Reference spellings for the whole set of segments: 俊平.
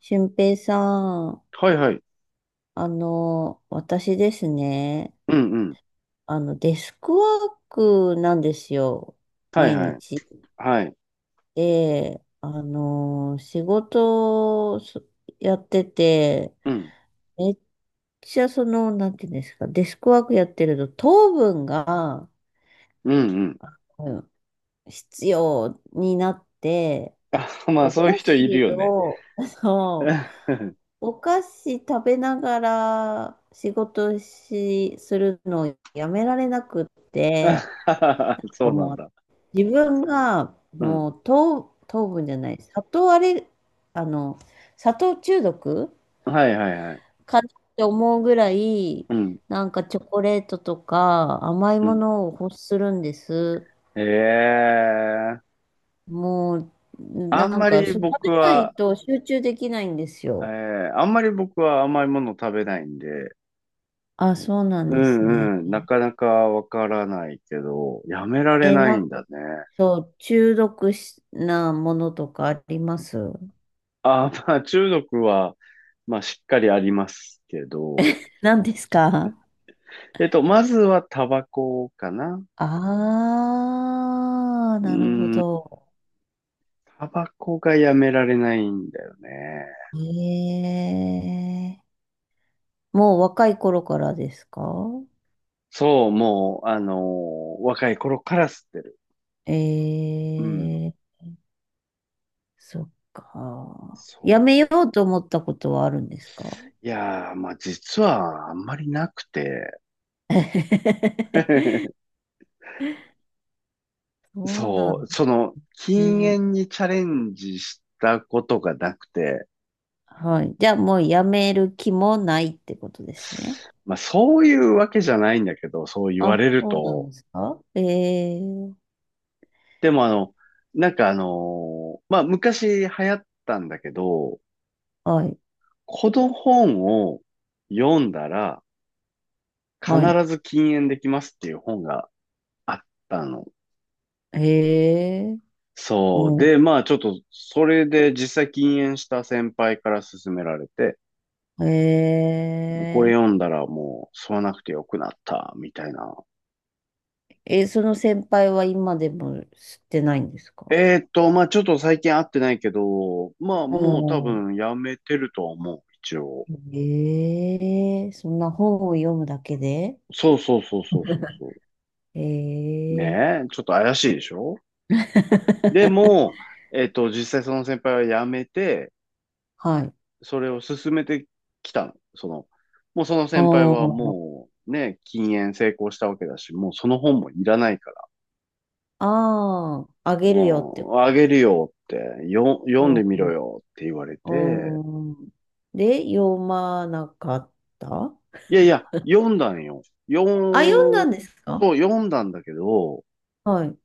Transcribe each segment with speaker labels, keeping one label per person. Speaker 1: 俊平さん、
Speaker 2: はいはい。
Speaker 1: 私ですね、
Speaker 2: うんうん。
Speaker 1: デスクワークなんですよ、
Speaker 2: はい
Speaker 1: 毎
Speaker 2: はい。
Speaker 1: 日。
Speaker 2: はい。
Speaker 1: で、仕事をやってて、
Speaker 2: うん。
Speaker 1: めっちゃその、なんていうんですか、デスクワークやってると、糖分が、
Speaker 2: うんうん。
Speaker 1: うん必要になって、
Speaker 2: あ、まあ
Speaker 1: お
Speaker 2: そういう
Speaker 1: 菓
Speaker 2: 人いる
Speaker 1: 子
Speaker 2: よね。
Speaker 1: を、そう お菓子食べながら仕事し、するのをやめられなくって、
Speaker 2: そうなん
Speaker 1: もう
Speaker 2: だ。
Speaker 1: 自分が
Speaker 2: うん。
Speaker 1: もう糖分じゃない、砂糖アレル、あの、砂糖中毒
Speaker 2: はいはいはい。
Speaker 1: かなって思うぐらい、
Speaker 2: うん。
Speaker 1: なんかチョコレートとか甘い
Speaker 2: う
Speaker 1: も
Speaker 2: ん。
Speaker 1: のを欲するんです。
Speaker 2: ええ
Speaker 1: もう、
Speaker 2: あ
Speaker 1: な
Speaker 2: ん
Speaker 1: ん
Speaker 2: ま
Speaker 1: か、
Speaker 2: り
Speaker 1: そう食べ
Speaker 2: 僕
Speaker 1: ない
Speaker 2: は、
Speaker 1: と集中できないんです
Speaker 2: え
Speaker 1: よ。
Speaker 2: えあんまり僕は甘いもの食べないんで、
Speaker 1: あ、そうなん
Speaker 2: う
Speaker 1: ですね。
Speaker 2: んうん。なかなかわからないけど、やめられ
Speaker 1: え、
Speaker 2: な
Speaker 1: な
Speaker 2: い
Speaker 1: ん
Speaker 2: んだね。
Speaker 1: そう、中毒しなものとかあります？
Speaker 2: あ、まあ中毒は、まあしっかりありますけど、
Speaker 1: 何ですか？
Speaker 2: まずはタバコかな。
Speaker 1: ああー、
Speaker 2: うー
Speaker 1: なるほ
Speaker 2: ん、
Speaker 1: ど。
Speaker 2: タバコがやめられないんだよね。
Speaker 1: ええ、もう若い頃からですか？
Speaker 2: そう、もう、若い頃から吸ってる。うん。
Speaker 1: ええ、そっか。やめ
Speaker 2: そ
Speaker 1: よ
Speaker 2: う。
Speaker 1: うと思ったことはあるんですか？
Speaker 2: いやー、まあ実はあんまりなくて。
Speaker 1: そうな
Speaker 2: そ
Speaker 1: ん
Speaker 2: う、
Speaker 1: です
Speaker 2: 禁
Speaker 1: ね。
Speaker 2: 煙にチャレンジしたことがなくて。
Speaker 1: はい。じゃあもうやめる気もないってことですね。
Speaker 2: まあそういうわけじゃないんだけど、そう言わ
Speaker 1: あ、
Speaker 2: れる
Speaker 1: そうなん
Speaker 2: と。
Speaker 1: ですか？ええ、
Speaker 2: でもまあ昔流行ったんだけど、
Speaker 1: はい。
Speaker 2: この本を読んだら、必
Speaker 1: はい。
Speaker 2: ず禁煙できますっていう本があったの。
Speaker 1: へえ。
Speaker 2: そう。
Speaker 1: おう、
Speaker 2: で、まあちょっと、それで実際禁煙した先輩から勧められて、
Speaker 1: へ
Speaker 2: これ
Speaker 1: え。
Speaker 2: 読んだらもう吸わなくてよくなった、みたいな。
Speaker 1: え、その先輩は今でも知ってないんですか？
Speaker 2: まあちょっと最近会ってないけど、まあ
Speaker 1: お
Speaker 2: もう多
Speaker 1: う、
Speaker 2: 分やめてるとは思う、一応。
Speaker 1: ええ、そんな本を読むだけで？
Speaker 2: そうそうそうそうそうそう。
Speaker 1: ええ。
Speaker 2: ねえ、ちょっと怪しいでしょ？で も、実際その先輩は辞めて、
Speaker 1: はい。
Speaker 2: それを進めてきたの。もうその
Speaker 1: お
Speaker 2: 先輩は
Speaker 1: う、
Speaker 2: もうね、禁煙成功したわけだし、もうその本もいらないから、
Speaker 1: ああ、あげ
Speaker 2: う
Speaker 1: るよってこ
Speaker 2: ん、
Speaker 1: と
Speaker 2: あ
Speaker 1: で
Speaker 2: げ
Speaker 1: す。
Speaker 2: るよって、読んで
Speaker 1: う
Speaker 2: みろ
Speaker 1: ん。
Speaker 2: よって言われて、
Speaker 1: うん。で、読まなかった？
Speaker 2: いやいや、読んだんよ。読
Speaker 1: あ、読ん
Speaker 2: ん、
Speaker 1: だんですか？
Speaker 2: そう、読んだんだけど、
Speaker 1: はい。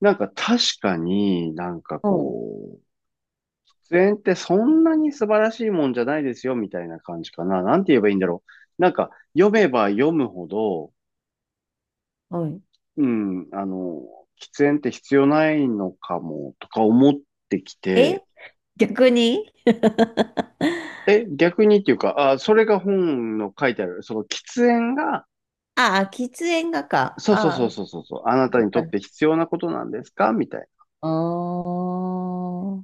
Speaker 2: なんか確かに
Speaker 1: うん。
Speaker 2: 出演ってそんなに素晴らしいもんじゃないですよみたいな感じかな。なんて言えばいいんだろう。なんか読めば読むほど、
Speaker 1: はい。
Speaker 2: うん、喫煙って必要ないのかもとか思ってきて、
Speaker 1: え、逆に
Speaker 2: え、逆にっていうか、あ、それが本の書いてある、その喫煙が、
Speaker 1: ああ、喫煙がか。
Speaker 2: そうそう
Speaker 1: あ
Speaker 2: そう
Speaker 1: あ、
Speaker 2: そうそうそう、あなた
Speaker 1: わ
Speaker 2: に
Speaker 1: か
Speaker 2: とっ
Speaker 1: る。
Speaker 2: て必要なことなんですかみたいな。
Speaker 1: ああ、ほ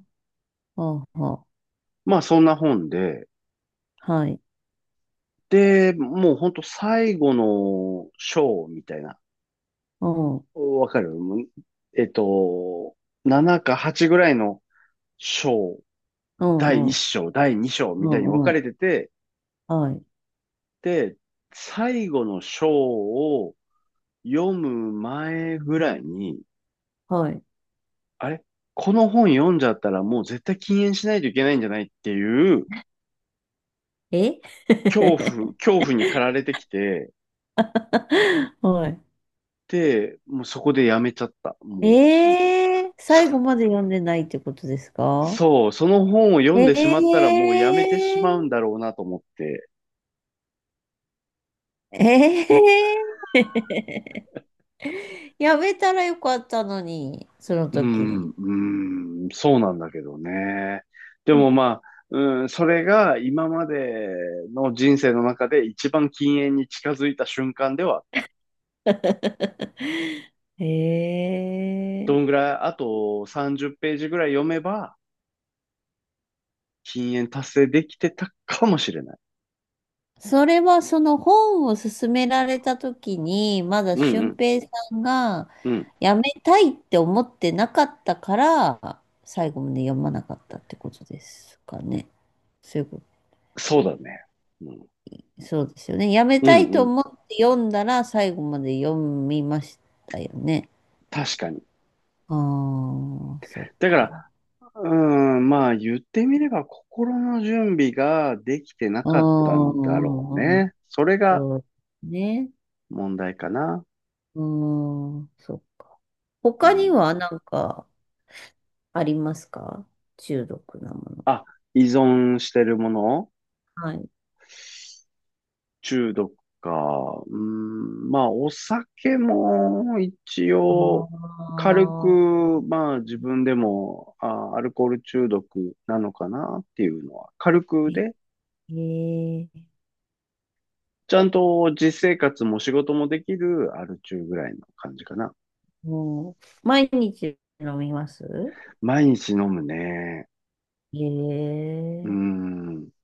Speaker 1: うほう。
Speaker 2: まあそんな本で、
Speaker 1: はい。
Speaker 2: で、もうほんと最後の章みたいな、
Speaker 1: うん、うん、
Speaker 2: わかる。えっと、7か8ぐらいの章、
Speaker 1: う
Speaker 2: 第1
Speaker 1: ん、
Speaker 2: 章、第2章み
Speaker 1: う
Speaker 2: たいに分
Speaker 1: ん、う
Speaker 2: か
Speaker 1: ん。
Speaker 2: れてて、
Speaker 1: はい、
Speaker 2: で、最後の章を読む前ぐらいに、
Speaker 1: はい。
Speaker 2: あれ、この本読んじゃったらもう絶対禁煙しないといけないんじゃないっていう
Speaker 1: え
Speaker 2: 恐怖に駆られてきて、
Speaker 1: はい。
Speaker 2: で、もうそこでやめちゃった。もう、そ、
Speaker 1: えー、最後ま で読んでないってことです
Speaker 2: そ
Speaker 1: か？
Speaker 2: そう、その本を読ん
Speaker 1: え
Speaker 2: でしまったら
Speaker 1: ー、
Speaker 2: もうやめてしまうんだろうなと思って。
Speaker 1: えー、やめたらよかったのに、その
Speaker 2: う
Speaker 1: 時に。
Speaker 2: ん、うん、そうなんだけどね。でもまあ、うん、それが今までの人生の中で一番禁煙に近づいた瞬間ではあった。
Speaker 1: え
Speaker 2: ど
Speaker 1: ー。
Speaker 2: んぐらい、あと30ページぐらい読めば、禁煙達成できてたかもしれない。
Speaker 1: それはその本を勧められた時に、まだ
Speaker 2: うんう
Speaker 1: 俊
Speaker 2: ん、
Speaker 1: 平さんが
Speaker 2: うん。
Speaker 1: やめたいって思ってなかったから、最後まで読まなかったってことですかね。そういうこ
Speaker 2: そうだね。うん、
Speaker 1: と、そうですよね。やめ
Speaker 2: うん、
Speaker 1: たい
Speaker 2: う
Speaker 1: と
Speaker 2: ん。
Speaker 1: 思って読んだら、最後まで読みましたよね。
Speaker 2: 確かに。
Speaker 1: ああ、そっ
Speaker 2: だか
Speaker 1: か。
Speaker 2: ら、うーまあ言ってみれば心の準備ができてな
Speaker 1: う
Speaker 2: かった
Speaker 1: ん、
Speaker 2: んだろう
Speaker 1: うんうん、
Speaker 2: ね。それが
Speaker 1: そうね。
Speaker 2: 問題かな。
Speaker 1: うん、そっか。
Speaker 2: う
Speaker 1: 他に
Speaker 2: ん、
Speaker 1: は何かありますか？中毒なもの。
Speaker 2: あ、依存してるもの、
Speaker 1: はい。
Speaker 2: 中毒か。まあ、お酒も一
Speaker 1: あ
Speaker 2: 応、軽く、
Speaker 1: あ、
Speaker 2: まあ、自分でも、あ、アルコール中毒なのかなっていうのは、軽くで、
Speaker 1: ええ、
Speaker 2: ちゃんと実生活も仕事もできるアル中ぐらいの感じかな。
Speaker 1: もう、毎日飲みます？
Speaker 2: 毎日飲むね。うー
Speaker 1: ええ、
Speaker 2: ん。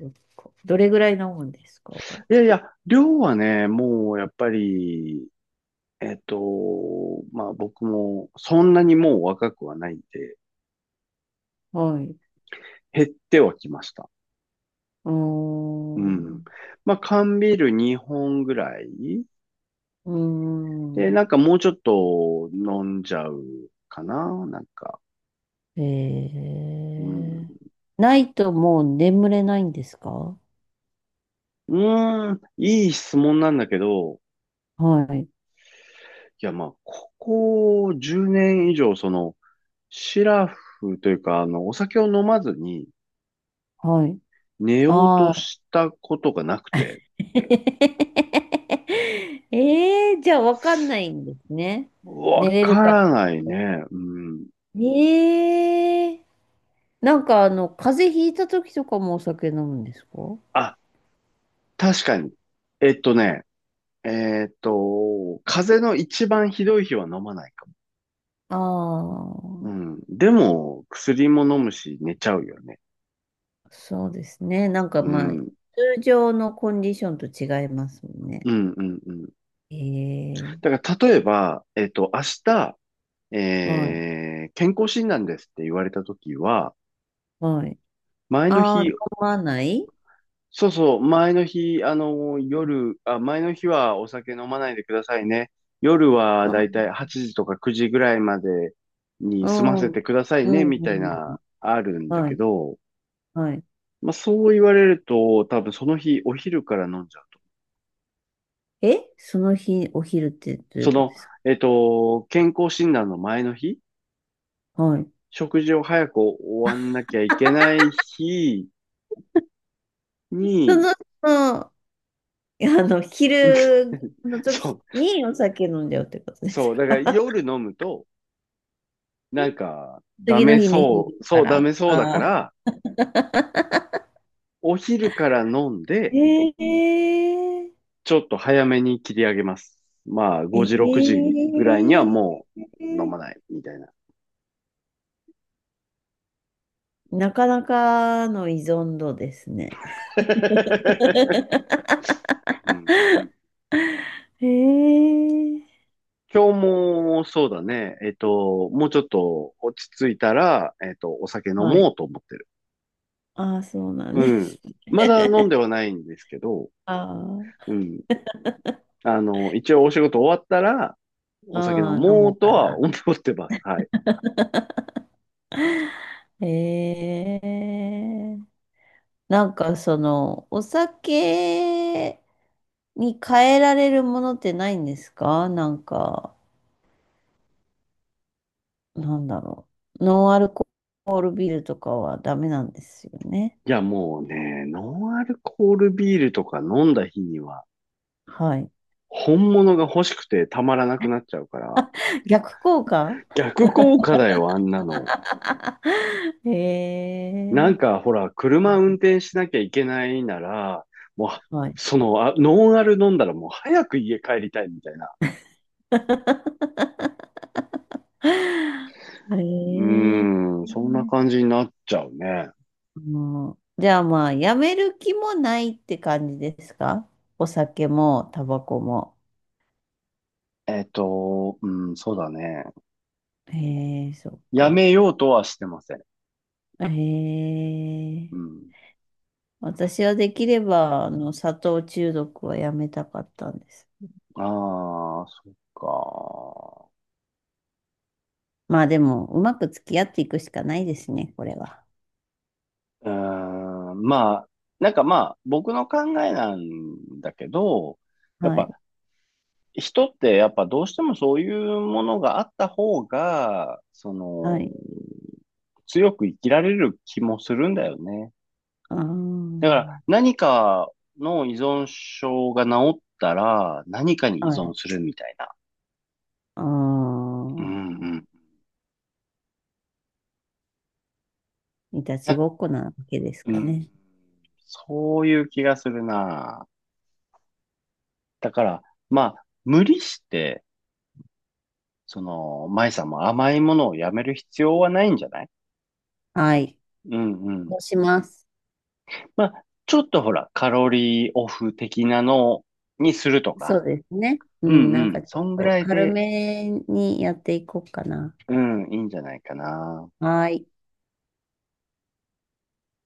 Speaker 1: そっか、どれぐらい飲むんですか？
Speaker 2: いやいや、量はね、もうやっぱり、まあ僕もそんなにもう若くはないんで、
Speaker 1: はい。
Speaker 2: 減ってはきました。
Speaker 1: うー
Speaker 2: うん。
Speaker 1: ん。
Speaker 2: まあ、缶ビール2本ぐらい。
Speaker 1: うー
Speaker 2: で、
Speaker 1: ん。
Speaker 2: なんかもうちょっと飲んじゃうかな。なんか。
Speaker 1: え
Speaker 2: うん。
Speaker 1: え、ないともう眠れないんですか？
Speaker 2: うーん。いい質問なんだけど、
Speaker 1: はい。
Speaker 2: いや、まあ、ここ10年以上、シラフというか、お酒を飲まずに
Speaker 1: はい。
Speaker 2: 寝よう
Speaker 1: あ
Speaker 2: と
Speaker 1: あ。
Speaker 2: したことがなくて、
Speaker 1: ええ、じゃあわかんないんですね。
Speaker 2: わ
Speaker 1: 寝れる
Speaker 2: か
Speaker 1: か。
Speaker 2: らないね。うん。
Speaker 1: ええ、なんか風邪ひいた時とかもお酒飲むんですか？
Speaker 2: あ、確かに。えっとね、えっと、風邪の一番ひどい日は飲まないか。
Speaker 1: ああ
Speaker 2: う
Speaker 1: ー、
Speaker 2: ん。でも、薬も飲むし、寝ちゃうよね。
Speaker 1: そうですね。なんか
Speaker 2: う
Speaker 1: まあ、通
Speaker 2: ん。
Speaker 1: 常のコンディションと違いますもんね。
Speaker 2: うん、うん、うん。
Speaker 1: え
Speaker 2: だ
Speaker 1: え、
Speaker 2: から、例えば、明日、
Speaker 1: はい、
Speaker 2: 健康診断ですって言われたときは、
Speaker 1: はい。
Speaker 2: 前の
Speaker 1: ああ、飲
Speaker 2: 日、
Speaker 1: まない？
Speaker 2: そうそう、前の日、あの、夜、あ、前の日はお酒飲まないでくださいね。夜は
Speaker 1: う
Speaker 2: だ
Speaker 1: ん、
Speaker 2: いたい8時とか9時ぐらいまでに
Speaker 1: う
Speaker 2: 済ませ
Speaker 1: ん、うん、
Speaker 2: てくださいね、
Speaker 1: う
Speaker 2: みたい
Speaker 1: ん、
Speaker 2: な、あるんだ
Speaker 1: は
Speaker 2: け
Speaker 1: い、
Speaker 2: ど、
Speaker 1: はい。
Speaker 2: まあそう言われると、多分その日、お昼から飲んじゃう。
Speaker 1: え、その日、お昼ってどういう
Speaker 2: そ
Speaker 1: ことで
Speaker 2: の、
Speaker 1: す
Speaker 2: 健康診断の前の日、
Speaker 1: か？はい。
Speaker 2: 食事を早く終わんなきゃいけない日
Speaker 1: そ
Speaker 2: に、
Speaker 1: の、その、昼の 時
Speaker 2: そ
Speaker 1: にお酒飲んじゃうってこと
Speaker 2: う、
Speaker 1: です
Speaker 2: そう、だから
Speaker 1: か？
Speaker 2: 夜飲むと、なんか、
Speaker 1: 次の日に響くか
Speaker 2: ダ
Speaker 1: ら。
Speaker 2: メそうだか
Speaker 1: ああ。
Speaker 2: ら、お昼から飲んで、
Speaker 1: ええ、
Speaker 2: ちょっと早めに切り上げます。まあ、5時、6時
Speaker 1: え
Speaker 2: ぐらいにはもう飲ま
Speaker 1: え、
Speaker 2: ない、みたいな。
Speaker 1: なかなかの依存度ですね。
Speaker 2: うん、
Speaker 1: ええ、
Speaker 2: 今日もそうだね。もうちょっと落ち着いたら、お酒飲
Speaker 1: はい。
Speaker 2: もうと思ってる。
Speaker 1: ああ、そうなん
Speaker 2: う
Speaker 1: で
Speaker 2: ん。
Speaker 1: す。
Speaker 2: まだ飲んではないんですけど、
Speaker 1: あ
Speaker 2: うん。一応お仕事終わったら、
Speaker 1: あ、
Speaker 2: お酒飲
Speaker 1: ああ、飲
Speaker 2: も
Speaker 1: もう
Speaker 2: うと
Speaker 1: か
Speaker 2: は
Speaker 1: な。
Speaker 2: 思ってます。はい。
Speaker 1: ええ、なんかその、お酒に変えられるものってないんですか？なんか、なんだろう。ノンアルコールビールとかはダメなんですよね。
Speaker 2: いや、もうね、ノンアルコールビールとか飲んだ日には、
Speaker 1: はい。
Speaker 2: 本物が欲しくてたまらなくなっちゃうから、
Speaker 1: 逆効果？
Speaker 2: 逆効果だよ、あんなの。なん
Speaker 1: ええ、
Speaker 2: かほら、車運転しなきゃいけないなら、もう、
Speaker 1: はい。
Speaker 2: ノンアル飲んだらもう早く家帰りたいみたいな。う
Speaker 1: ええ
Speaker 2: ーん、そんな感じになっちゃうね。
Speaker 1: ー。じゃあまあ、やめる気もないって感じですか？お酒も、タバコも。
Speaker 2: うん、そうだね。
Speaker 1: へえ、そっ
Speaker 2: や
Speaker 1: か。
Speaker 2: めようとはしてません。
Speaker 1: え
Speaker 2: う
Speaker 1: え、
Speaker 2: ん。
Speaker 1: 私はできれば、砂糖中毒はやめたかったんです。
Speaker 2: ああ、そっか。
Speaker 1: まあでも、うまく付き合っていくしかないですね、これは。
Speaker 2: うーん、まあ、まあ、僕の考えなんだけど、やっ
Speaker 1: は
Speaker 2: ぱ
Speaker 1: い。
Speaker 2: 人ってやっぱどうしてもそういうものがあった方が、
Speaker 1: はい。
Speaker 2: 強く生きられる気もするんだよね。
Speaker 1: あー、
Speaker 2: だから何かの依存症が治ったら何かに依
Speaker 1: は
Speaker 2: 存
Speaker 1: い。
Speaker 2: するみたいな。
Speaker 1: あ
Speaker 2: うん
Speaker 1: あ、
Speaker 2: うん。
Speaker 1: いたち
Speaker 2: な
Speaker 1: ごっこなわけです
Speaker 2: う
Speaker 1: か
Speaker 2: ん、
Speaker 1: ね。
Speaker 2: そういう気がするな。だから、まあ、無理して、舞さんも甘いものをやめる必要はないんじゃない？
Speaker 1: はい。
Speaker 2: うんうん。
Speaker 1: そうします。
Speaker 2: まあ、ちょっとほら、カロリーオフ的なのにするとか。
Speaker 1: そうですね。う
Speaker 2: う
Speaker 1: ん、な
Speaker 2: ん
Speaker 1: ん
Speaker 2: う
Speaker 1: か
Speaker 2: ん。
Speaker 1: ちょ
Speaker 2: そ
Speaker 1: っ
Speaker 2: んぐ
Speaker 1: と
Speaker 2: らい
Speaker 1: 軽
Speaker 2: で、
Speaker 1: めにやっていこうかな。
Speaker 2: うん、いいんじゃないかな。
Speaker 1: はい。